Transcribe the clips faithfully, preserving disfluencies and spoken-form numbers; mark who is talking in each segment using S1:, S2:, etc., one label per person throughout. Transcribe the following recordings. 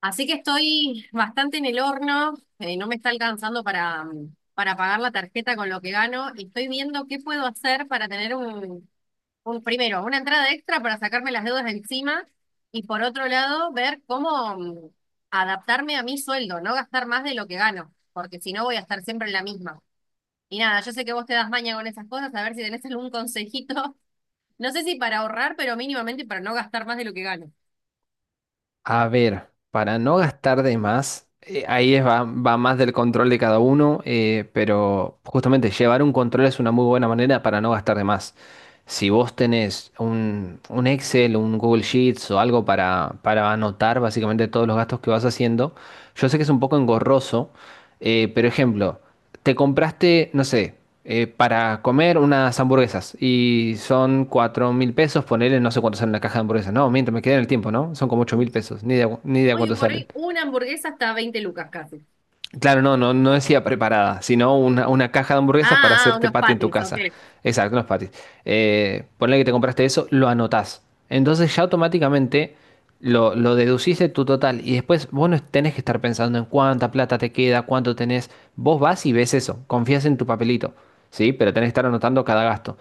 S1: Así que estoy bastante en el horno, eh, no me está alcanzando para, mm, para pagar la tarjeta con lo que gano y estoy viendo qué puedo hacer para tener un, un primero, una entrada extra para sacarme las deudas de encima y por otro lado ver cómo mm, adaptarme a mi sueldo, no gastar más de lo que gano, porque si no voy a estar siempre en la misma. Y nada, yo sé que vos te das maña con esas cosas, a ver si tenés algún consejito, no sé si para ahorrar, pero mínimamente para no gastar más de lo que gano.
S2: A ver, para no gastar de más, eh, ahí es, va, va más del control de cada uno, eh, pero justamente llevar un control es una muy buena manera para no gastar de más. Si vos tenés un, un Excel, un Google Sheets o algo para, para anotar básicamente todos los gastos que vas haciendo, yo sé que es un poco engorroso, eh, pero ejemplo, te compraste, no sé, eh, para comer unas hamburguesas y son cuatro mil pesos, ponele, no sé cuánto sale una caja de hamburguesas. No, mientras me quedé en el tiempo, ¿no? Son como ocho mil pesos, ni idea, cu- ni idea
S1: Hoy
S2: cuánto
S1: por
S2: salen.
S1: hoy una hamburguesa está a veinte lucas casi.
S2: Claro, no, no, no decía preparada, sino una, una caja de hamburguesas para
S1: Ah, ah,
S2: hacerte
S1: unos
S2: patty en tu
S1: patis, ok.
S2: casa. Exacto, unos patis. Eh, ponle que te compraste eso, lo anotás. Entonces ya automáticamente lo, lo deducís de tu total y después vos no tenés que estar pensando en cuánta plata te queda, cuánto tenés. Vos vas y ves eso, confías en tu papelito, ¿sí? Pero tenés que estar anotando cada gasto.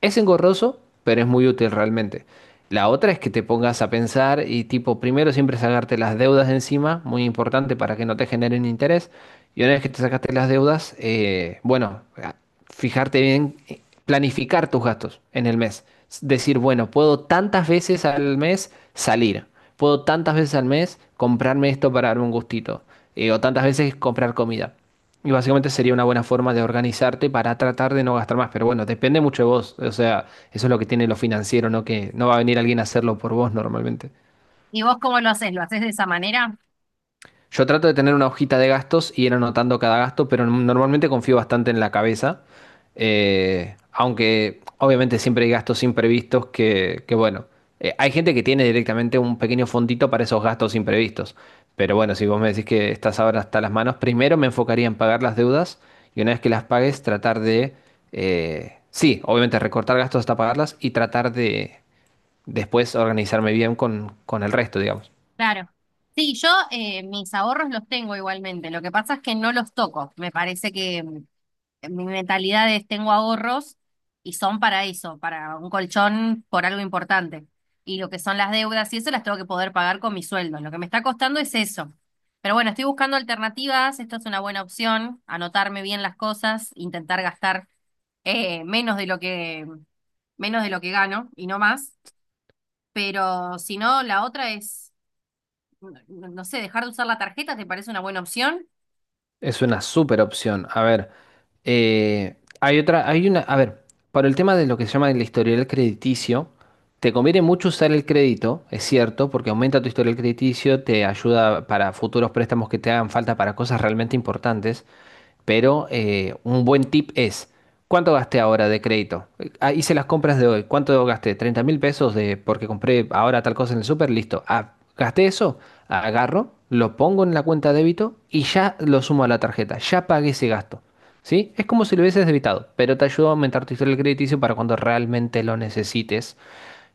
S2: Es engorroso, pero es muy útil realmente. La otra es que te pongas a pensar y tipo, primero siempre sacarte las deudas de encima, muy importante para que no te generen interés. Y una vez que te sacaste las deudas, eh, bueno, a- fijarte bien, eh, planificar tus gastos en el mes. S- Decir, bueno, puedo tantas veces al mes salir, puedo tantas veces al mes comprarme esto para darme un gustito, eh, o tantas veces comprar comida. Y básicamente sería una buena forma de organizarte para tratar de no gastar más. Pero bueno, depende mucho de vos. O sea, eso es lo que tiene lo financiero, ¿no? Que no va a venir alguien a hacerlo por vos normalmente.
S1: ¿Y vos cómo lo haces? ¿Lo haces de esa manera?
S2: Yo trato de tener una hojita de gastos y ir anotando cada gasto, pero normalmente confío bastante en la cabeza. Eh, aunque obviamente siempre hay gastos imprevistos que, que bueno, eh, hay gente que tiene directamente un pequeño fondito para esos gastos imprevistos. Pero bueno, si vos me decís que estás ahora hasta las manos, primero me enfocaría en pagar las deudas y una vez que las pagues, tratar de, eh, sí, obviamente recortar gastos hasta pagarlas y tratar de después organizarme bien con, con el resto, digamos.
S1: Claro. Sí, yo eh, mis ahorros los tengo igualmente. Lo que pasa es que no los toco. Me parece que mm, mi mentalidad es tengo ahorros y son para eso, para un colchón por algo importante. Y lo que son las deudas y eso las tengo que poder pagar con mi sueldo. Lo que me está costando es eso. Pero bueno, estoy buscando alternativas. Esto es una buena opción. Anotarme bien las cosas, intentar gastar eh, menos de lo que menos de lo que gano y no más. Pero si no, la otra es, no no no sé, dejar de usar la tarjeta, ¿te parece una buena opción?
S2: Es una súper opción. A ver, eh, hay otra, hay una, a ver, para el tema de lo que se llama el historial crediticio, te conviene mucho usar el crédito, es cierto, porque aumenta tu historial crediticio, te ayuda para futuros préstamos que te hagan falta para cosas realmente importantes. Pero eh, un buen tip es, ¿cuánto gasté ahora de crédito? Eh, ah, hice las compras de hoy. ¿Cuánto gasté? Treinta mil pesos de, porque compré ahora tal cosa en el súper, listo. Ah, gasté eso, agarro, lo pongo en la cuenta de débito y ya lo sumo a la tarjeta. Ya pagué ese gasto. ¿Sí? Es como si lo hubieses debitado, pero te ayuda a aumentar tu historial crediticio para cuando realmente lo necesites,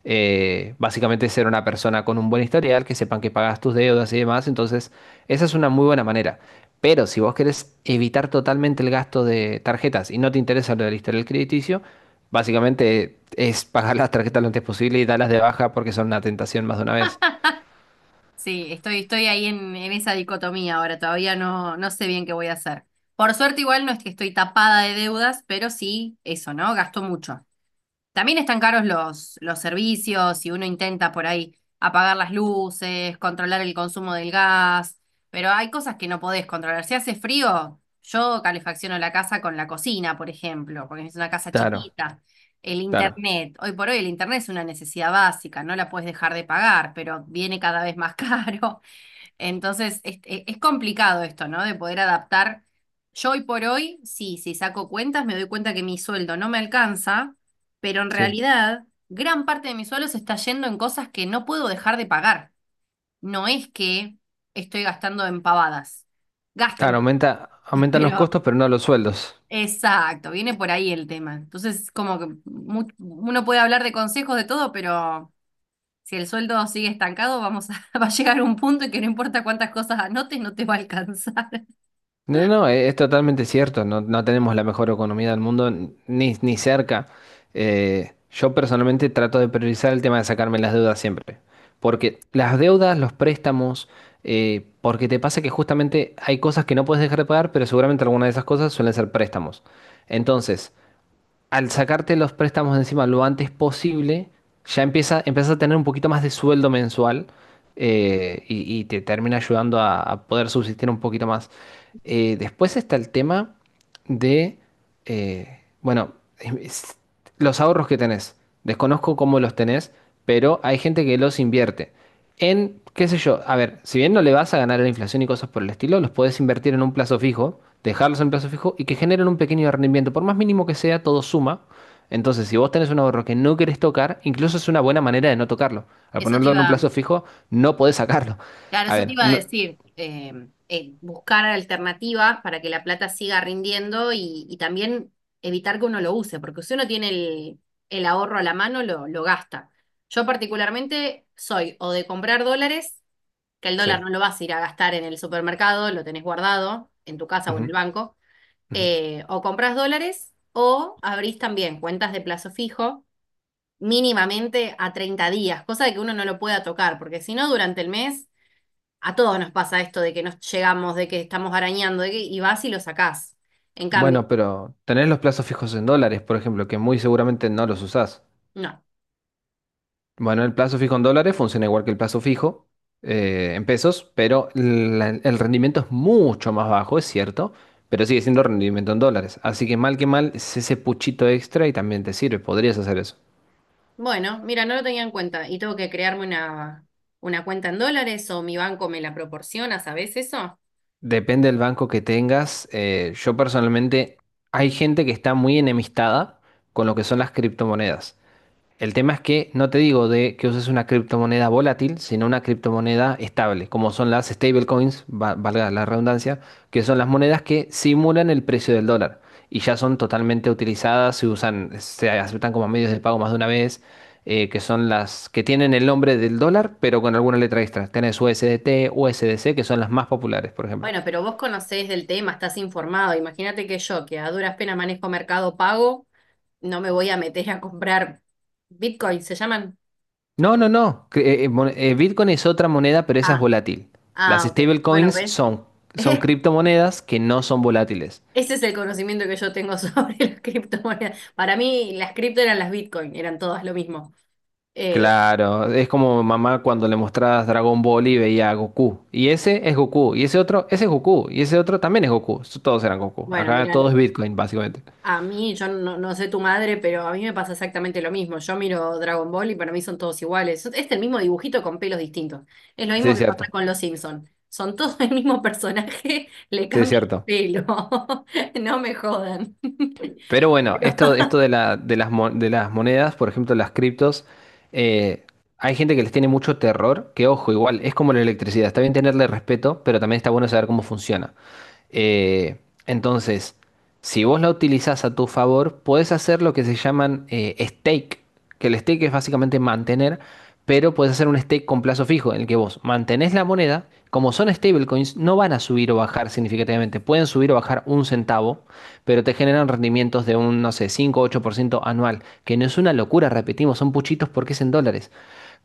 S2: eh, básicamente ser una persona con un buen historial, que sepan que pagas tus deudas y demás. Entonces, esa es una muy buena manera. Pero si vos querés evitar totalmente el gasto de tarjetas y no te interesa lo del historial crediticio, básicamente es pagar las tarjetas lo antes posible y darlas de baja porque son una tentación más de una vez.
S1: Sí, estoy, estoy ahí en, en esa dicotomía ahora, todavía no, no sé bien qué voy a hacer. Por suerte igual no es que estoy tapada de deudas, pero sí eso, ¿no? Gasto mucho. También están caros los, los servicios y uno intenta por ahí apagar las luces, controlar el consumo del gas, pero hay cosas que no podés controlar. Si hace frío, yo calefacciono la casa con la cocina, por ejemplo, porque es una casa
S2: Claro,
S1: chiquita. El
S2: claro,
S1: internet, hoy por hoy el internet es una necesidad básica, no la puedes dejar de pagar, pero viene cada vez más caro. Entonces, es, e- es complicado esto, ¿no? De poder adaptar. Yo hoy por hoy, sí, si saco cuentas, me doy cuenta que mi sueldo no me alcanza, pero en
S2: sí.
S1: realidad, gran parte de mi sueldo se está yendo en cosas que no puedo dejar de pagar. No es que estoy gastando en pavadas. Gasto
S2: Claro, aumenta,
S1: en
S2: aumentan los
S1: pero
S2: costos, pero no los sueldos.
S1: exacto, viene por ahí el tema. Entonces, como que mu- uno puede hablar de consejos de todo, pero si el sueldo sigue estancado, vamos a, va a llegar un punto en que no importa cuántas cosas anotes, no te va a alcanzar.
S2: No, no, e- es totalmente cierto, no, no tenemos la mejor economía del mundo, n- ni, ni cerca. Eh, yo personalmente trato de priorizar el tema de sacarme las deudas siempre, porque las deudas, los préstamos, eh, porque te pasa que justamente hay cosas que no puedes dejar de pagar, pero seguramente alguna de esas cosas suelen ser préstamos. Entonces, al sacarte los préstamos de encima lo antes posible, ya empieza, empiezas a tener un poquito más de sueldo mensual, eh, y, y te termina ayudando a, a poder subsistir un poquito más. Eh, después está el tema de, eh, bueno, es- los ahorros que tenés. Desconozco cómo los tenés, pero hay gente que los invierte en, qué sé yo, a ver, si bien no le vas a ganar a la inflación y cosas por el estilo, los podés invertir en un plazo fijo, dejarlos en plazo fijo y que generen un pequeño rendimiento. Por más mínimo que sea, todo suma. Entonces, si vos tenés un ahorro que no querés tocar, incluso es una buena manera de no tocarlo. Al
S1: Eso te
S2: ponerlo en un
S1: iba,
S2: plazo fijo, no podés sacarlo.
S1: claro,
S2: A
S1: eso te
S2: ver,
S1: iba a
S2: no,
S1: decir, eh, eh, buscar alternativas para que la plata siga rindiendo y, y también evitar que uno lo use, porque si uno tiene el, el ahorro a la mano, lo, lo gasta. Yo particularmente soy o de comprar dólares, que el dólar
S2: sí.
S1: no lo vas a ir a gastar en el supermercado, lo tenés guardado en tu casa o en
S2: Ujú,
S1: el banco,
S2: ujú.
S1: eh, o compras dólares o abrís también cuentas de plazo fijo mínimamente a treinta días, cosa de que uno no lo pueda tocar, porque si no, durante el mes. A todos nos pasa esto de que nos llegamos, de que estamos arañando, de que, y vas y lo sacás. En cambio,
S2: Bueno, pero tenés los plazos fijos en dólares, por ejemplo, que muy seguramente no los usás.
S1: no.
S2: Bueno, el plazo fijo en dólares funciona igual que el plazo fijo eh, en pesos, pero la- el rendimiento es mucho más bajo, es cierto, pero sigue siendo rendimiento en dólares. Así que mal que mal es ese puchito extra y también te sirve, podrías hacer eso.
S1: Bueno, mira, no lo tenía en cuenta y tengo que crearme una, una cuenta en dólares o mi banco me la proporciona, ¿sabés eso?
S2: Depende del banco que tengas. eh, yo personalmente, hay gente que está muy enemistada con lo que son las criptomonedas. El tema es que no te digo de que uses una criptomoneda volátil, sino una criptomoneda estable, como son las stablecoins, va- valga la redundancia, que son las monedas que simulan el precio del dólar y ya son totalmente utilizadas, se usan, se aceptan como medios de pago más de una vez, eh, que son las que tienen el nombre del dólar, pero con alguna letra extra. Tenés U S D T, U S D C, que son las más populares, por ejemplo.
S1: Bueno, pero vos conocés del tema, estás informado. Imagínate que yo, que a duras penas manejo Mercado Pago, no me voy a meter a comprar Bitcoin, ¿se llaman?
S2: No, no, no. Que, eh, mon- eh, Bitcoin es otra moneda, pero esa es
S1: Ah,
S2: volátil. Las
S1: ah, ok. Bueno,
S2: stablecoins
S1: ¿ves?
S2: son, son, criptomonedas que no son volátiles.
S1: Ese es el conocimiento que yo tengo sobre las criptomonedas. Para mí, las cripto eran las Bitcoin, eran todas lo mismo. Eh,
S2: Claro, es como mamá cuando le mostrabas Dragon Ball y veía a Goku. Y ese es Goku, y ese otro, ese es Goku, y ese otro también es Goku. Todos eran Goku.
S1: bueno,
S2: Acá todo es
S1: miran,
S2: Bitcoin, básicamente.
S1: a mí, yo no, no sé tu madre, pero a mí me pasa exactamente lo mismo. Yo miro Dragon Ball y para mí son todos iguales. Es el mismo dibujito con pelos distintos. Es lo
S2: Sí,
S1: mismo
S2: es
S1: que pasa
S2: cierto.
S1: con los Simpson. Son todos el mismo personaje, le
S2: Sí, es
S1: cambian el
S2: cierto.
S1: pelo. No me jodan.
S2: Pero bueno,
S1: Pero,
S2: esto, esto de la- de las, mo- de las monedas, por ejemplo, las criptos, eh, hay gente que les tiene mucho terror, que ojo, igual, es como la electricidad, está bien tenerle respeto, pero también está bueno saber cómo funciona. Eh, entonces, si vos la utilizás a tu favor, podés hacer lo que se llaman eh, stake, que el stake es básicamente mantener, pero podés hacer un stake con plazo fijo, en el que vos mantenés la moneda, como son stablecoins, no van a subir o bajar significativamente, pueden subir o bajar un centavo, pero te generan rendimientos de un, no sé, cinco o ocho por ciento anual, que no es una locura, repetimos, son puchitos porque es en dólares,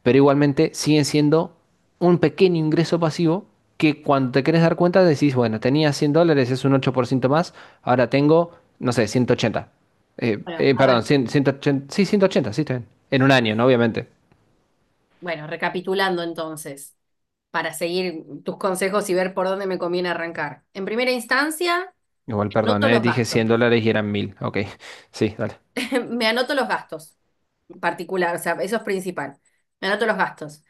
S2: pero igualmente siguen siendo un pequeño ingreso pasivo que cuando te querés dar cuenta decís, bueno, tenía cien dólares, es un ocho por ciento más, ahora tengo, no sé, ciento ochenta. Eh,
S1: bueno,
S2: eh,
S1: a
S2: perdón,
S1: ver.
S2: cien, ciento ochenta sí, ciento ochenta sí, está bien. En un año, ¿no? Obviamente.
S1: Bueno, recapitulando entonces, para seguir tus consejos y ver por dónde me conviene arrancar. En primera instancia,
S2: Igual, perdón,
S1: anoto
S2: eh,
S1: los
S2: dije
S1: gastos.
S2: cien dólares y eran mil Ok, sí, dale.
S1: Me anoto los gastos en particular, o sea, eso es principal. Me anoto los gastos.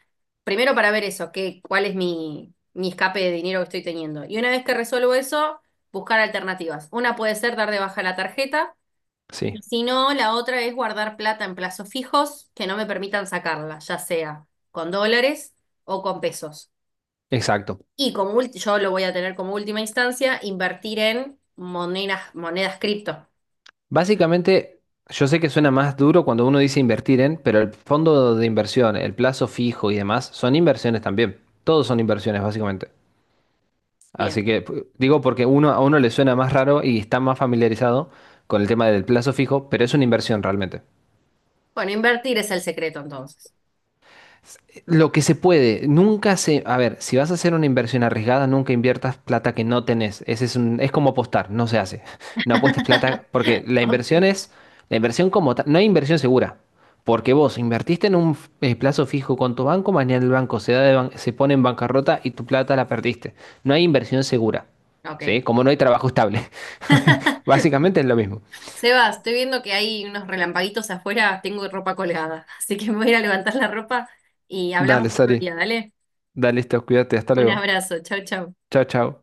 S1: Primero para ver eso, qué, cuál es mi, mi escape de dinero que estoy teniendo. Y una vez que resuelvo eso, buscar alternativas. Una puede ser dar de baja la tarjeta,
S2: Sí,
S1: y si no, la otra es guardar plata en plazos fijos que no me permitan sacarla, ya sea con dólares o con pesos.
S2: exacto.
S1: Y como ulti- yo lo voy a tener como última instancia, invertir en monedas, monedas cripto.
S2: Básicamente, yo sé que suena más duro cuando uno dice invertir en, pero el fondo de inversión, el plazo fijo y demás son inversiones también. Todos son inversiones, básicamente.
S1: Bien.
S2: Así que pu- digo porque uno a uno le suena más raro y está más familiarizado con el tema del plazo fijo, pero es una inversión realmente.
S1: Bueno, invertir es el secreto entonces.
S2: Lo que se puede, nunca se, a ver, si vas a hacer una inversión arriesgada, nunca inviertas plata que no tenés. Ese es un, es como apostar, no se hace. No apuestes plata porque la inversión
S1: Ok.
S2: es, la inversión como tal, no hay inversión segura. Porque vos invertiste en un eh, plazo fijo con tu banco, mañana el banco se da de ban- se pone en bancarrota y tu plata la perdiste. No hay inversión segura, ¿sí?
S1: Ok.
S2: Como no hay trabajo estable. Básicamente es lo mismo.
S1: Seba, estoy viendo que hay unos relampaguitos afuera, tengo ropa colgada, así que me voy a ir a levantar la ropa y hablamos
S2: Dale,
S1: otro
S2: Sari.
S1: día, dale.
S2: Dale, listo, cuídate, hasta
S1: Un
S2: luego.
S1: abrazo, chau, chau.
S2: Chao, chao.